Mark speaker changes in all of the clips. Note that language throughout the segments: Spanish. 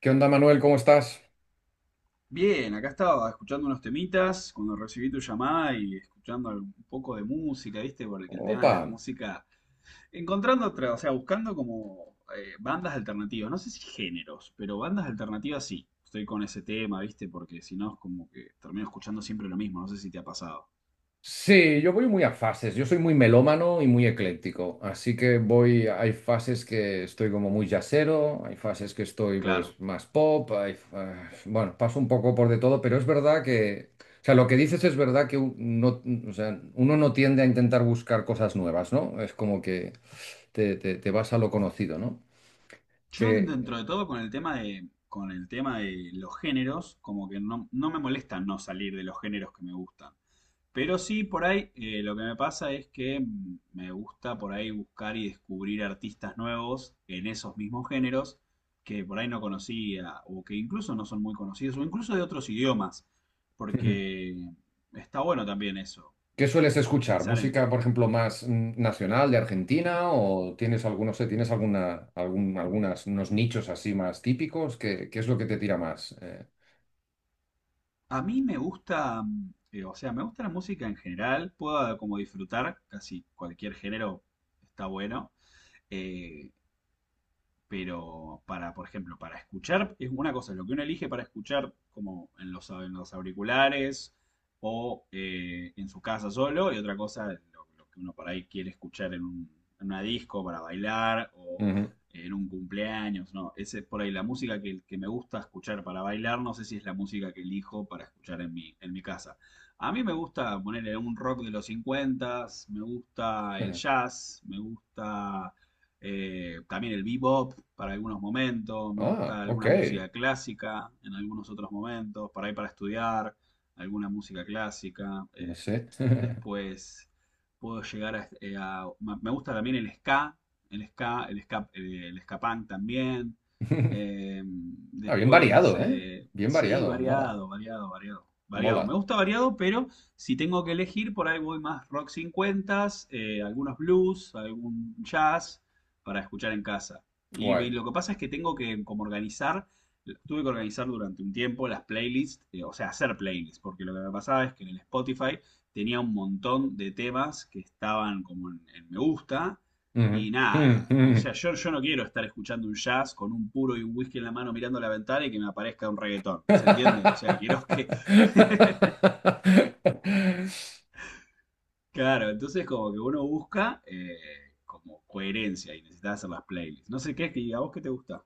Speaker 1: ¿Qué onda, Manuel? ¿Cómo estás?
Speaker 2: Bien, acá estaba escuchando unos temitas cuando recibí tu llamada y escuchando un poco de música, ¿viste? Porque el tema de
Speaker 1: Opa.
Speaker 2: las músicas, encontrando otra, o sea, buscando como bandas alternativas, no sé si géneros, pero bandas alternativas sí. Estoy con ese tema, ¿viste? Porque si no es como que termino escuchando siempre lo mismo, no sé si te ha pasado.
Speaker 1: Sí, yo voy muy a fases. Yo soy muy melómano y muy ecléctico. Así que voy. Hay fases que estoy como muy jazzero, hay fases que estoy
Speaker 2: Claro.
Speaker 1: pues más pop. Bueno, paso un poco por de todo, pero es verdad que. O sea, lo que dices es verdad que no, o sea, uno no tiende a intentar buscar cosas nuevas, ¿no? Es como que te vas a lo conocido, ¿no?
Speaker 2: Yo dentro
Speaker 1: Que.
Speaker 2: de todo con el tema de, con el tema de los géneros, como que no, no me molesta no salir de los géneros que me gustan. Pero sí, por ahí lo que me pasa es que me gusta por ahí buscar y descubrir artistas nuevos en esos mismos géneros que por ahí no conocía o que incluso no son muy conocidos o incluso de otros idiomas, porque está bueno también eso,
Speaker 1: ¿Qué sueles escuchar?
Speaker 2: pensar en.
Speaker 1: ¿Música, por ejemplo, más nacional de Argentina? ¿O tienes algunos, sé, tienes algunas, unos nichos así más típicos? ¿Qué, qué es lo que te tira más?
Speaker 2: A mí me gusta, o sea, me gusta la música en general, puedo como disfrutar casi cualquier género, está bueno. Eh, pero para, por ejemplo, para escuchar, es una cosa, lo que uno elige para escuchar como en los, auriculares o en su casa solo, y otra cosa, lo que uno por ahí quiere escuchar en una disco para bailar o
Speaker 1: Ujú,
Speaker 2: en un cumpleaños, ¿no? Ese es por ahí la música que me gusta escuchar para bailar, no sé si es la música que elijo para escuchar en mi casa. A mí me gusta ponerle un rock de los 50, me gusta el
Speaker 1: ujú.
Speaker 2: jazz, me gusta también el bebop para algunos momentos, me
Speaker 1: Ah,
Speaker 2: gusta
Speaker 1: ok.
Speaker 2: alguna música clásica en algunos otros momentos, para estudiar, alguna música clásica.
Speaker 1: No sé.
Speaker 2: Después puedo llegar a, me gusta también el ska, el ska punk también.
Speaker 1: Ah, bien
Speaker 2: Después,
Speaker 1: variado, ¿eh? Bien
Speaker 2: sí,
Speaker 1: variado. Mola.
Speaker 2: variado, variado, variado. Variado.
Speaker 1: Mola.
Speaker 2: Me gusta variado, pero si tengo que elegir, por ahí voy más rock 50, algunos blues, algún jazz para escuchar en casa. Y
Speaker 1: Guay.
Speaker 2: lo que pasa es que tengo que como organizar, tuve que organizar durante un tiempo las playlists, o sea, hacer playlists, porque lo que me pasaba es que en el Spotify tenía un montón de temas que estaban como en me gusta
Speaker 1: Ujú.
Speaker 2: y
Speaker 1: Mm,
Speaker 2: nada. O sea,
Speaker 1: mm.
Speaker 2: yo no quiero estar escuchando un jazz con un puro y un whisky en la mano mirando la ventana y que me aparezca un reggaetón. ¿Se entiende? O sea, quiero que... Claro, entonces como que uno busca como coherencia y necesitas hacer las playlists. No sé qué, es que a vos qué te gusta.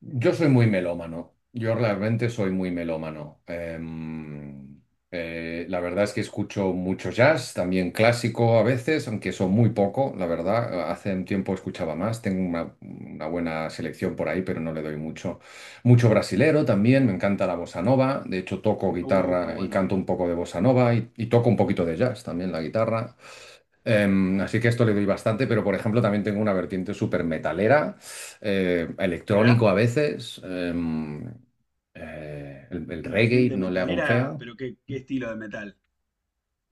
Speaker 1: Yo soy muy melómano, yo realmente soy muy melómano. La verdad es que escucho mucho jazz, también clásico a veces, aunque son muy poco, la verdad. Hace un tiempo escuchaba más, tengo una buena selección por ahí, pero no le doy mucho. Mucho brasilero también, me encanta la bossa nova, de hecho toco
Speaker 2: Qué
Speaker 1: guitarra y
Speaker 2: bueno.
Speaker 1: canto un poco de bossa nova y toco un poquito de jazz también la guitarra. Así que a esto le doy bastante, pero por ejemplo también tengo una vertiente súper metalera, electrónico
Speaker 2: Mirá,
Speaker 1: a veces, el reggae,
Speaker 2: vertiente
Speaker 1: no le hago un
Speaker 2: metalera,
Speaker 1: feo.
Speaker 2: pero qué estilo de metal.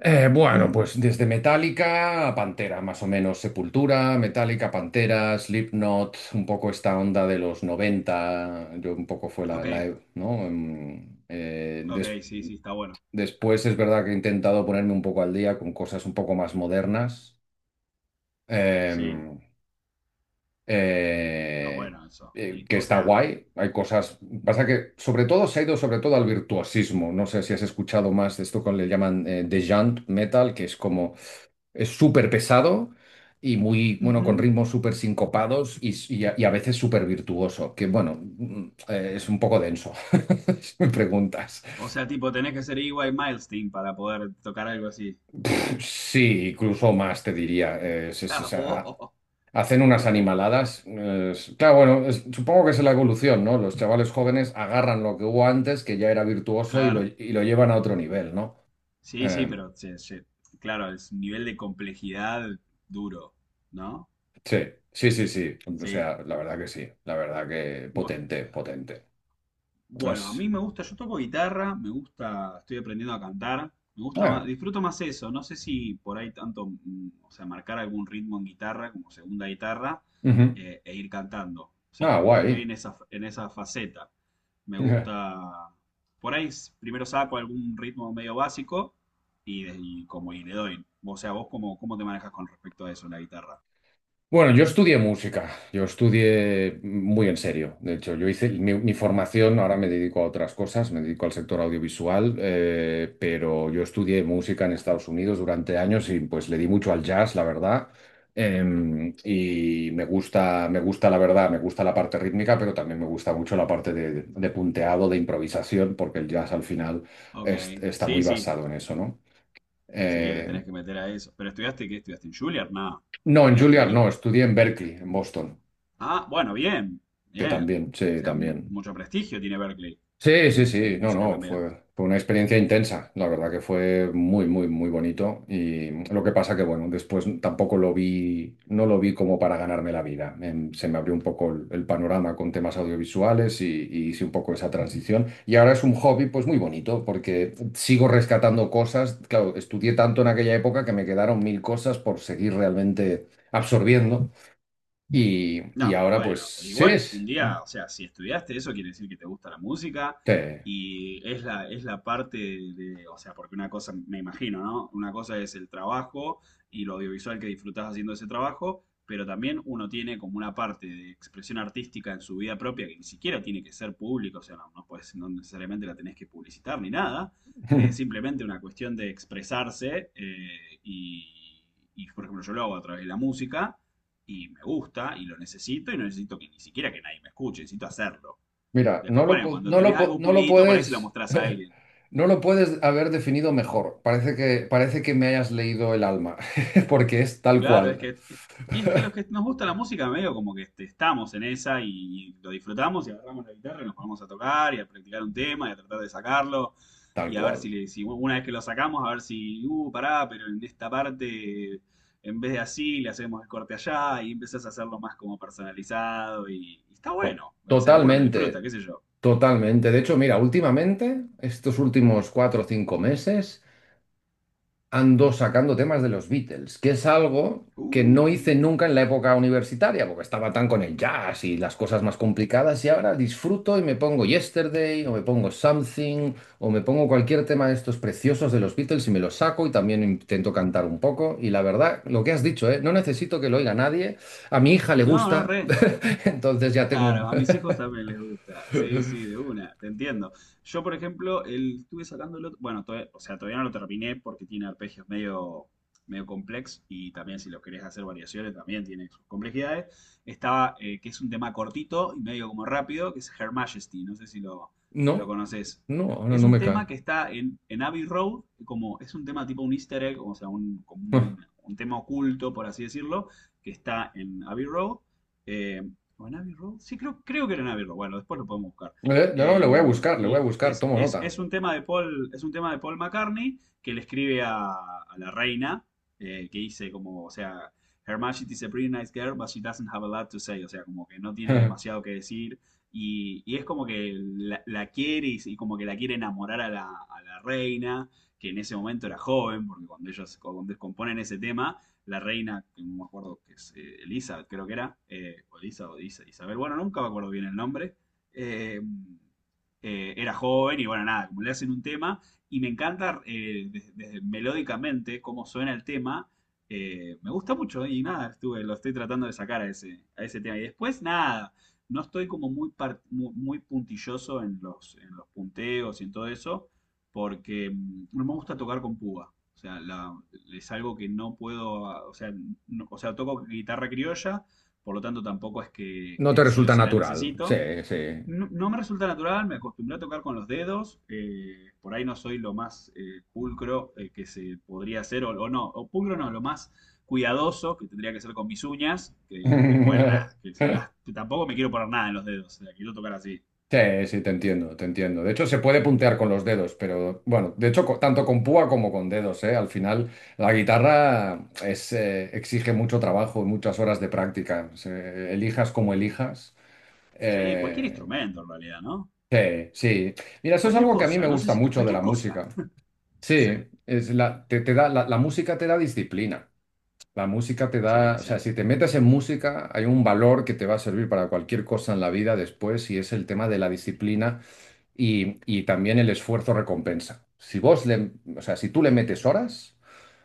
Speaker 1: Bueno,
Speaker 2: Mm,
Speaker 1: pues desde Metallica a Pantera, más o menos Sepultura, Metallica, Pantera, Slipknot, un poco esta onda de los 90. Yo un poco fue la,
Speaker 2: ok,
Speaker 1: la e- ¿no? Em, des-
Speaker 2: ok, sí, sí, está bueno.
Speaker 1: Después es verdad que he intentado ponerme un poco al día con cosas un poco más modernas.
Speaker 2: Sí,
Speaker 1: Em,
Speaker 2: está
Speaker 1: eh,
Speaker 2: bueno eso. Y,
Speaker 1: que
Speaker 2: o
Speaker 1: está
Speaker 2: sea,
Speaker 1: guay. Hay cosas. Pasa que sobre todo se ha ido sobre todo al virtuosismo. No sé si has escuchado más de esto que le llaman The Metal, que es como es súper pesado y muy, bueno, con
Speaker 2: ujú.
Speaker 1: ritmos súper sincopados y a veces súper virtuoso. Que bueno, es un poco denso. Si me preguntas.
Speaker 2: O sea, tipo, tenés que ser EY Milestone para poder tocar algo así.
Speaker 1: Sí, incluso más te diría.
Speaker 2: Claro, oh,
Speaker 1: Hacen unas animaladas. Claro, bueno, supongo que es la evolución, ¿no? Los chavales jóvenes agarran lo que hubo antes, que ya era virtuoso,
Speaker 2: claro.
Speaker 1: y lo llevan a otro nivel, ¿no?
Speaker 2: Sí, sí,
Speaker 1: Eh,
Speaker 2: pero sí, sí. Claro, es un nivel de complejidad duro, ¿no?
Speaker 1: sí, sí, sí, sí. O
Speaker 2: Sí.
Speaker 1: sea, la verdad que sí. La verdad que
Speaker 2: bueno
Speaker 1: potente, potente.
Speaker 2: Bueno, a mí
Speaker 1: Es-
Speaker 2: me gusta, yo toco guitarra, me gusta, estoy aprendiendo a cantar, me gusta más,
Speaker 1: ah,
Speaker 2: disfruto más eso, no sé si por ahí tanto, o sea, marcar algún ritmo en guitarra como segunda guitarra
Speaker 1: ujú.
Speaker 2: e ir cantando, o sea,
Speaker 1: Ah,
Speaker 2: como que estoy
Speaker 1: guay.
Speaker 2: en esa, faceta, me gusta, por ahí primero saco algún ritmo medio básico y como y le doy, o sea, vos cómo te manejas con respecto a eso en la guitarra.
Speaker 1: Bueno, yo estudié música, yo estudié muy en serio. De hecho, yo hice mi formación, ahora me dedico a otras cosas, me dedico al sector audiovisual, pero yo estudié música en Estados Unidos durante años y pues le di mucho al jazz, la verdad. Y me gusta la verdad, me gusta la parte rítmica, pero también me gusta mucho la parte de punteado, de improvisación, porque el jazz al final
Speaker 2: Ok,
Speaker 1: está muy
Speaker 2: sí, sí,
Speaker 1: basado en eso, ¿no?
Speaker 2: sí, le
Speaker 1: Eh,
Speaker 2: tenés que meter a eso, pero estudiaste, ¿qué estudiaste en Juilliard? Nada,
Speaker 1: no, en
Speaker 2: ¿llegaste
Speaker 1: Juilliard no,
Speaker 2: ahí?
Speaker 1: estudié en Berkeley, en Boston.
Speaker 2: Ah, bueno, bien,
Speaker 1: Que
Speaker 2: bien. O sea,
Speaker 1: también.
Speaker 2: mucho prestigio tiene Berkeley
Speaker 1: Sí, sí,
Speaker 2: en,
Speaker 1: sí, no,
Speaker 2: música
Speaker 1: no,
Speaker 2: también.
Speaker 1: fue, fue una experiencia intensa, la verdad que fue muy, muy, muy bonito y lo que pasa que, bueno, después tampoco lo vi, no lo vi como para ganarme la vida. Se me abrió un poco el panorama con temas audiovisuales y hice un poco esa transición y ahora es un hobby pues muy bonito porque sigo rescatando cosas, claro, estudié tanto en aquella época que me quedaron mil cosas por seguir realmente absorbiendo
Speaker 2: No,
Speaker 1: y
Speaker 2: pero
Speaker 1: ahora
Speaker 2: bueno,
Speaker 1: pues sí
Speaker 2: igual un
Speaker 1: es...
Speaker 2: día, o sea, si estudiaste eso, quiere decir que te gusta la música
Speaker 1: sí.
Speaker 2: y es la parte de, o sea, porque una cosa, me imagino, ¿no? Una cosa es el trabajo y lo audiovisual que disfrutás haciendo ese trabajo, pero también uno tiene como una parte de expresión artística en su vida propia que ni siquiera tiene que ser pública, o sea, no, no, no necesariamente la tenés que publicitar ni nada, es simplemente una cuestión de expresarse y, por ejemplo, yo lo hago a través de la música y me gusta y lo necesito y no necesito que ni siquiera que nadie me escuche, necesito hacerlo.
Speaker 1: Mira,
Speaker 2: Después, ponen, cuando tenés algo
Speaker 1: no lo
Speaker 2: pulito, por ahí se lo
Speaker 1: puedes,
Speaker 2: mostrás a alguien.
Speaker 1: no lo puedes haber definido mejor. Parece que me hayas leído el alma, porque es tal
Speaker 2: Claro,
Speaker 1: cual,
Speaker 2: y es que los que nos gusta la música, medio como que este, estamos en esa y lo disfrutamos y agarramos la guitarra y nos ponemos a tocar y a practicar un tema y a tratar de sacarlo
Speaker 1: tal
Speaker 2: y a ver
Speaker 1: cual.
Speaker 2: si una vez que lo sacamos, a ver si, pará, pero en esta parte, en vez de así, le hacemos el corte allá y empezás a hacerlo más como personalizado y está
Speaker 1: To-
Speaker 2: bueno. O sea, uno lo disfruta,
Speaker 1: Totalmente,
Speaker 2: qué sé yo.
Speaker 1: totalmente. De hecho, mira, últimamente, estos últimos cuatro o cinco meses, ando sacando temas de los Beatles, que es algo que no hice
Speaker 2: Uh,
Speaker 1: nunca en la época universitaria, porque estaba tan con el jazz y las cosas más complicadas, y ahora disfruto y me pongo Yesterday, o me pongo Something, o me pongo cualquier tema de estos preciosos de los Beatles y me los saco y también intento cantar un poco. Y la verdad, lo que has dicho, ¿eh? No necesito que lo oiga nadie, a mi hija le
Speaker 2: no, no,
Speaker 1: gusta,
Speaker 2: re.
Speaker 1: entonces ya tengo un...
Speaker 2: Claro, a mis hijos también les gusta. Sí, sí, de una, te entiendo. Yo, por ejemplo, estuve sacándolo, bueno, o sea, todavía no lo terminé porque tiene arpegios medio, complex y también si lo querés hacer variaciones también tiene sus complejidades. Que es un tema cortito y medio como rápido, que es Her Majesty, no sé si lo
Speaker 1: No,
Speaker 2: conoces.
Speaker 1: no, no,
Speaker 2: Es
Speaker 1: no
Speaker 2: un
Speaker 1: me cae.
Speaker 2: tema que está en Abbey Road, como es un tema tipo un easter egg, o sea, un tema oculto, por así decirlo, que está en Abbey Road. eh, ¿O en Abbey Road? Sí, creo que era en Abbey Road. Bueno, después lo podemos buscar.
Speaker 1: No, no,
Speaker 2: Eh,
Speaker 1: le voy a buscar, le voy a
Speaker 2: y
Speaker 1: buscar,
Speaker 2: es,
Speaker 1: tomo
Speaker 2: es,
Speaker 1: nota.
Speaker 2: es un tema de Paul, es un tema de Paul McCartney que le escribe a la reina, que dice como, o sea, Her Majesty is a pretty nice girl, but she doesn't have a lot to say, o sea, como que no tiene demasiado que decir. Y es como que la, quiere y, como que la quiere enamorar a la reina, que en ese momento era joven, porque cuando componen ese tema, la reina, que no me acuerdo que es Elizabeth, creo que era, o Elisa o Isabel, bueno, nunca me acuerdo bien el nombre, eh, era joven y bueno, nada, como le hacen un tema, y me encanta desde melódicamente cómo suena el tema, me gusta mucho y nada, lo estoy tratando de sacar a a ese tema. Y después, nada, no estoy como muy puntilloso en los punteos y en todo eso porque no me gusta tocar con púa. O sea, es algo que no puedo, o sea, o sea, toco guitarra criolla, por lo tanto tampoco es que,
Speaker 1: No te
Speaker 2: que sí o
Speaker 1: resulta
Speaker 2: sí la
Speaker 1: natural. Sí,
Speaker 2: necesito.
Speaker 1: sí.
Speaker 2: No, no me resulta natural, me acostumbré a tocar con los dedos, por ahí no soy lo más pulcro que se podría hacer, o no, o pulcro no, lo más cuidadoso que tendría que ser con mis uñas, pero bueno, nada, tampoco me quiero poner nada en los dedos, o sea, quiero tocar así.
Speaker 1: Sí, sí, te entiendo, te entiendo. De hecho, se puede puntear con los dedos, pero bueno, de hecho, tanto con púa como con dedos, ¿eh? Al final, la guitarra es, exige mucho trabajo, y muchas horas de práctica. Elijas como elijas.
Speaker 2: Sí, cualquier
Speaker 1: eh,
Speaker 2: instrumento en realidad, ¿no?
Speaker 1: sí, sí. Mira, eso es
Speaker 2: Cualquier
Speaker 1: algo que a mí me
Speaker 2: cosa, no sé
Speaker 1: gusta
Speaker 2: si tú,
Speaker 1: mucho de
Speaker 2: cualquier
Speaker 1: la
Speaker 2: cosa.
Speaker 1: música.
Speaker 2: Sí.
Speaker 1: Sí, es la, te da, la música te da disciplina. La música te
Speaker 2: Sí,
Speaker 1: da,
Speaker 2: es
Speaker 1: o sea,
Speaker 2: cierto.
Speaker 1: si te metes en música, hay un valor que te va a servir para cualquier cosa en la vida después y es el tema de la disciplina y también el esfuerzo recompensa. Si vos le, o sea, si tú le metes horas,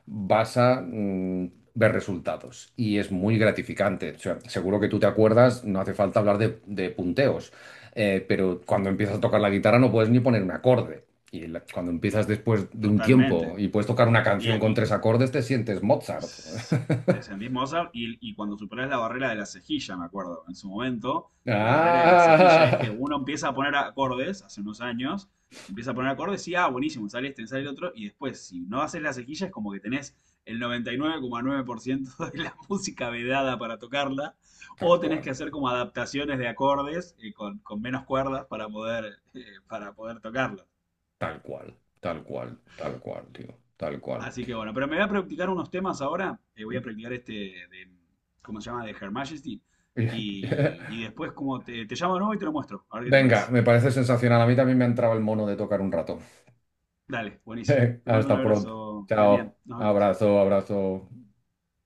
Speaker 1: vas a ver resultados y es muy gratificante. O sea, seguro que tú te acuerdas, no hace falta hablar de punteos, pero cuando empiezas a tocar la guitarra no puedes ni poner un acorde. Cuando empiezas después de un tiempo
Speaker 2: Totalmente.
Speaker 1: y puedes tocar una
Speaker 2: Y,
Speaker 1: canción con
Speaker 2: y-
Speaker 1: tres acordes, te sientes Mozart.
Speaker 2: pues, te sentís Mozart y cuando superás la barrera de la cejilla, me acuerdo, en su momento, la barrera de la cejilla es que
Speaker 1: Ah,
Speaker 2: uno empieza a poner acordes, hace unos años, empieza a poner acordes y, ah, buenísimo, sale este, sale el otro, y después, si no haces la cejilla, es como que tenés el noventa y nueve coma nueve por ciento de la música vedada para tocarla,
Speaker 1: tal
Speaker 2: o tenés
Speaker 1: cual,
Speaker 2: que hacer como adaptaciones de acordes con, menos cuerdas para poder, tocarla.
Speaker 1: tal cual, tal cual, tal cual, tío, tal cual.
Speaker 2: Así que bueno, pero me voy a practicar unos temas ahora. Voy a practicar este de, ¿cómo se llama? De Her Majesty. Y después, como te, llamo de nuevo y te lo muestro, a ver qué te
Speaker 1: Venga,
Speaker 2: parece.
Speaker 1: me parece sensacional. A mí también me ha entrado el mono de tocar un rato.
Speaker 2: Dale, buenísimo. Te mando un
Speaker 1: Hasta pronto.
Speaker 2: abrazo, Demian.
Speaker 1: Chao.
Speaker 2: Nos vemos.
Speaker 1: Abrazo, abrazo.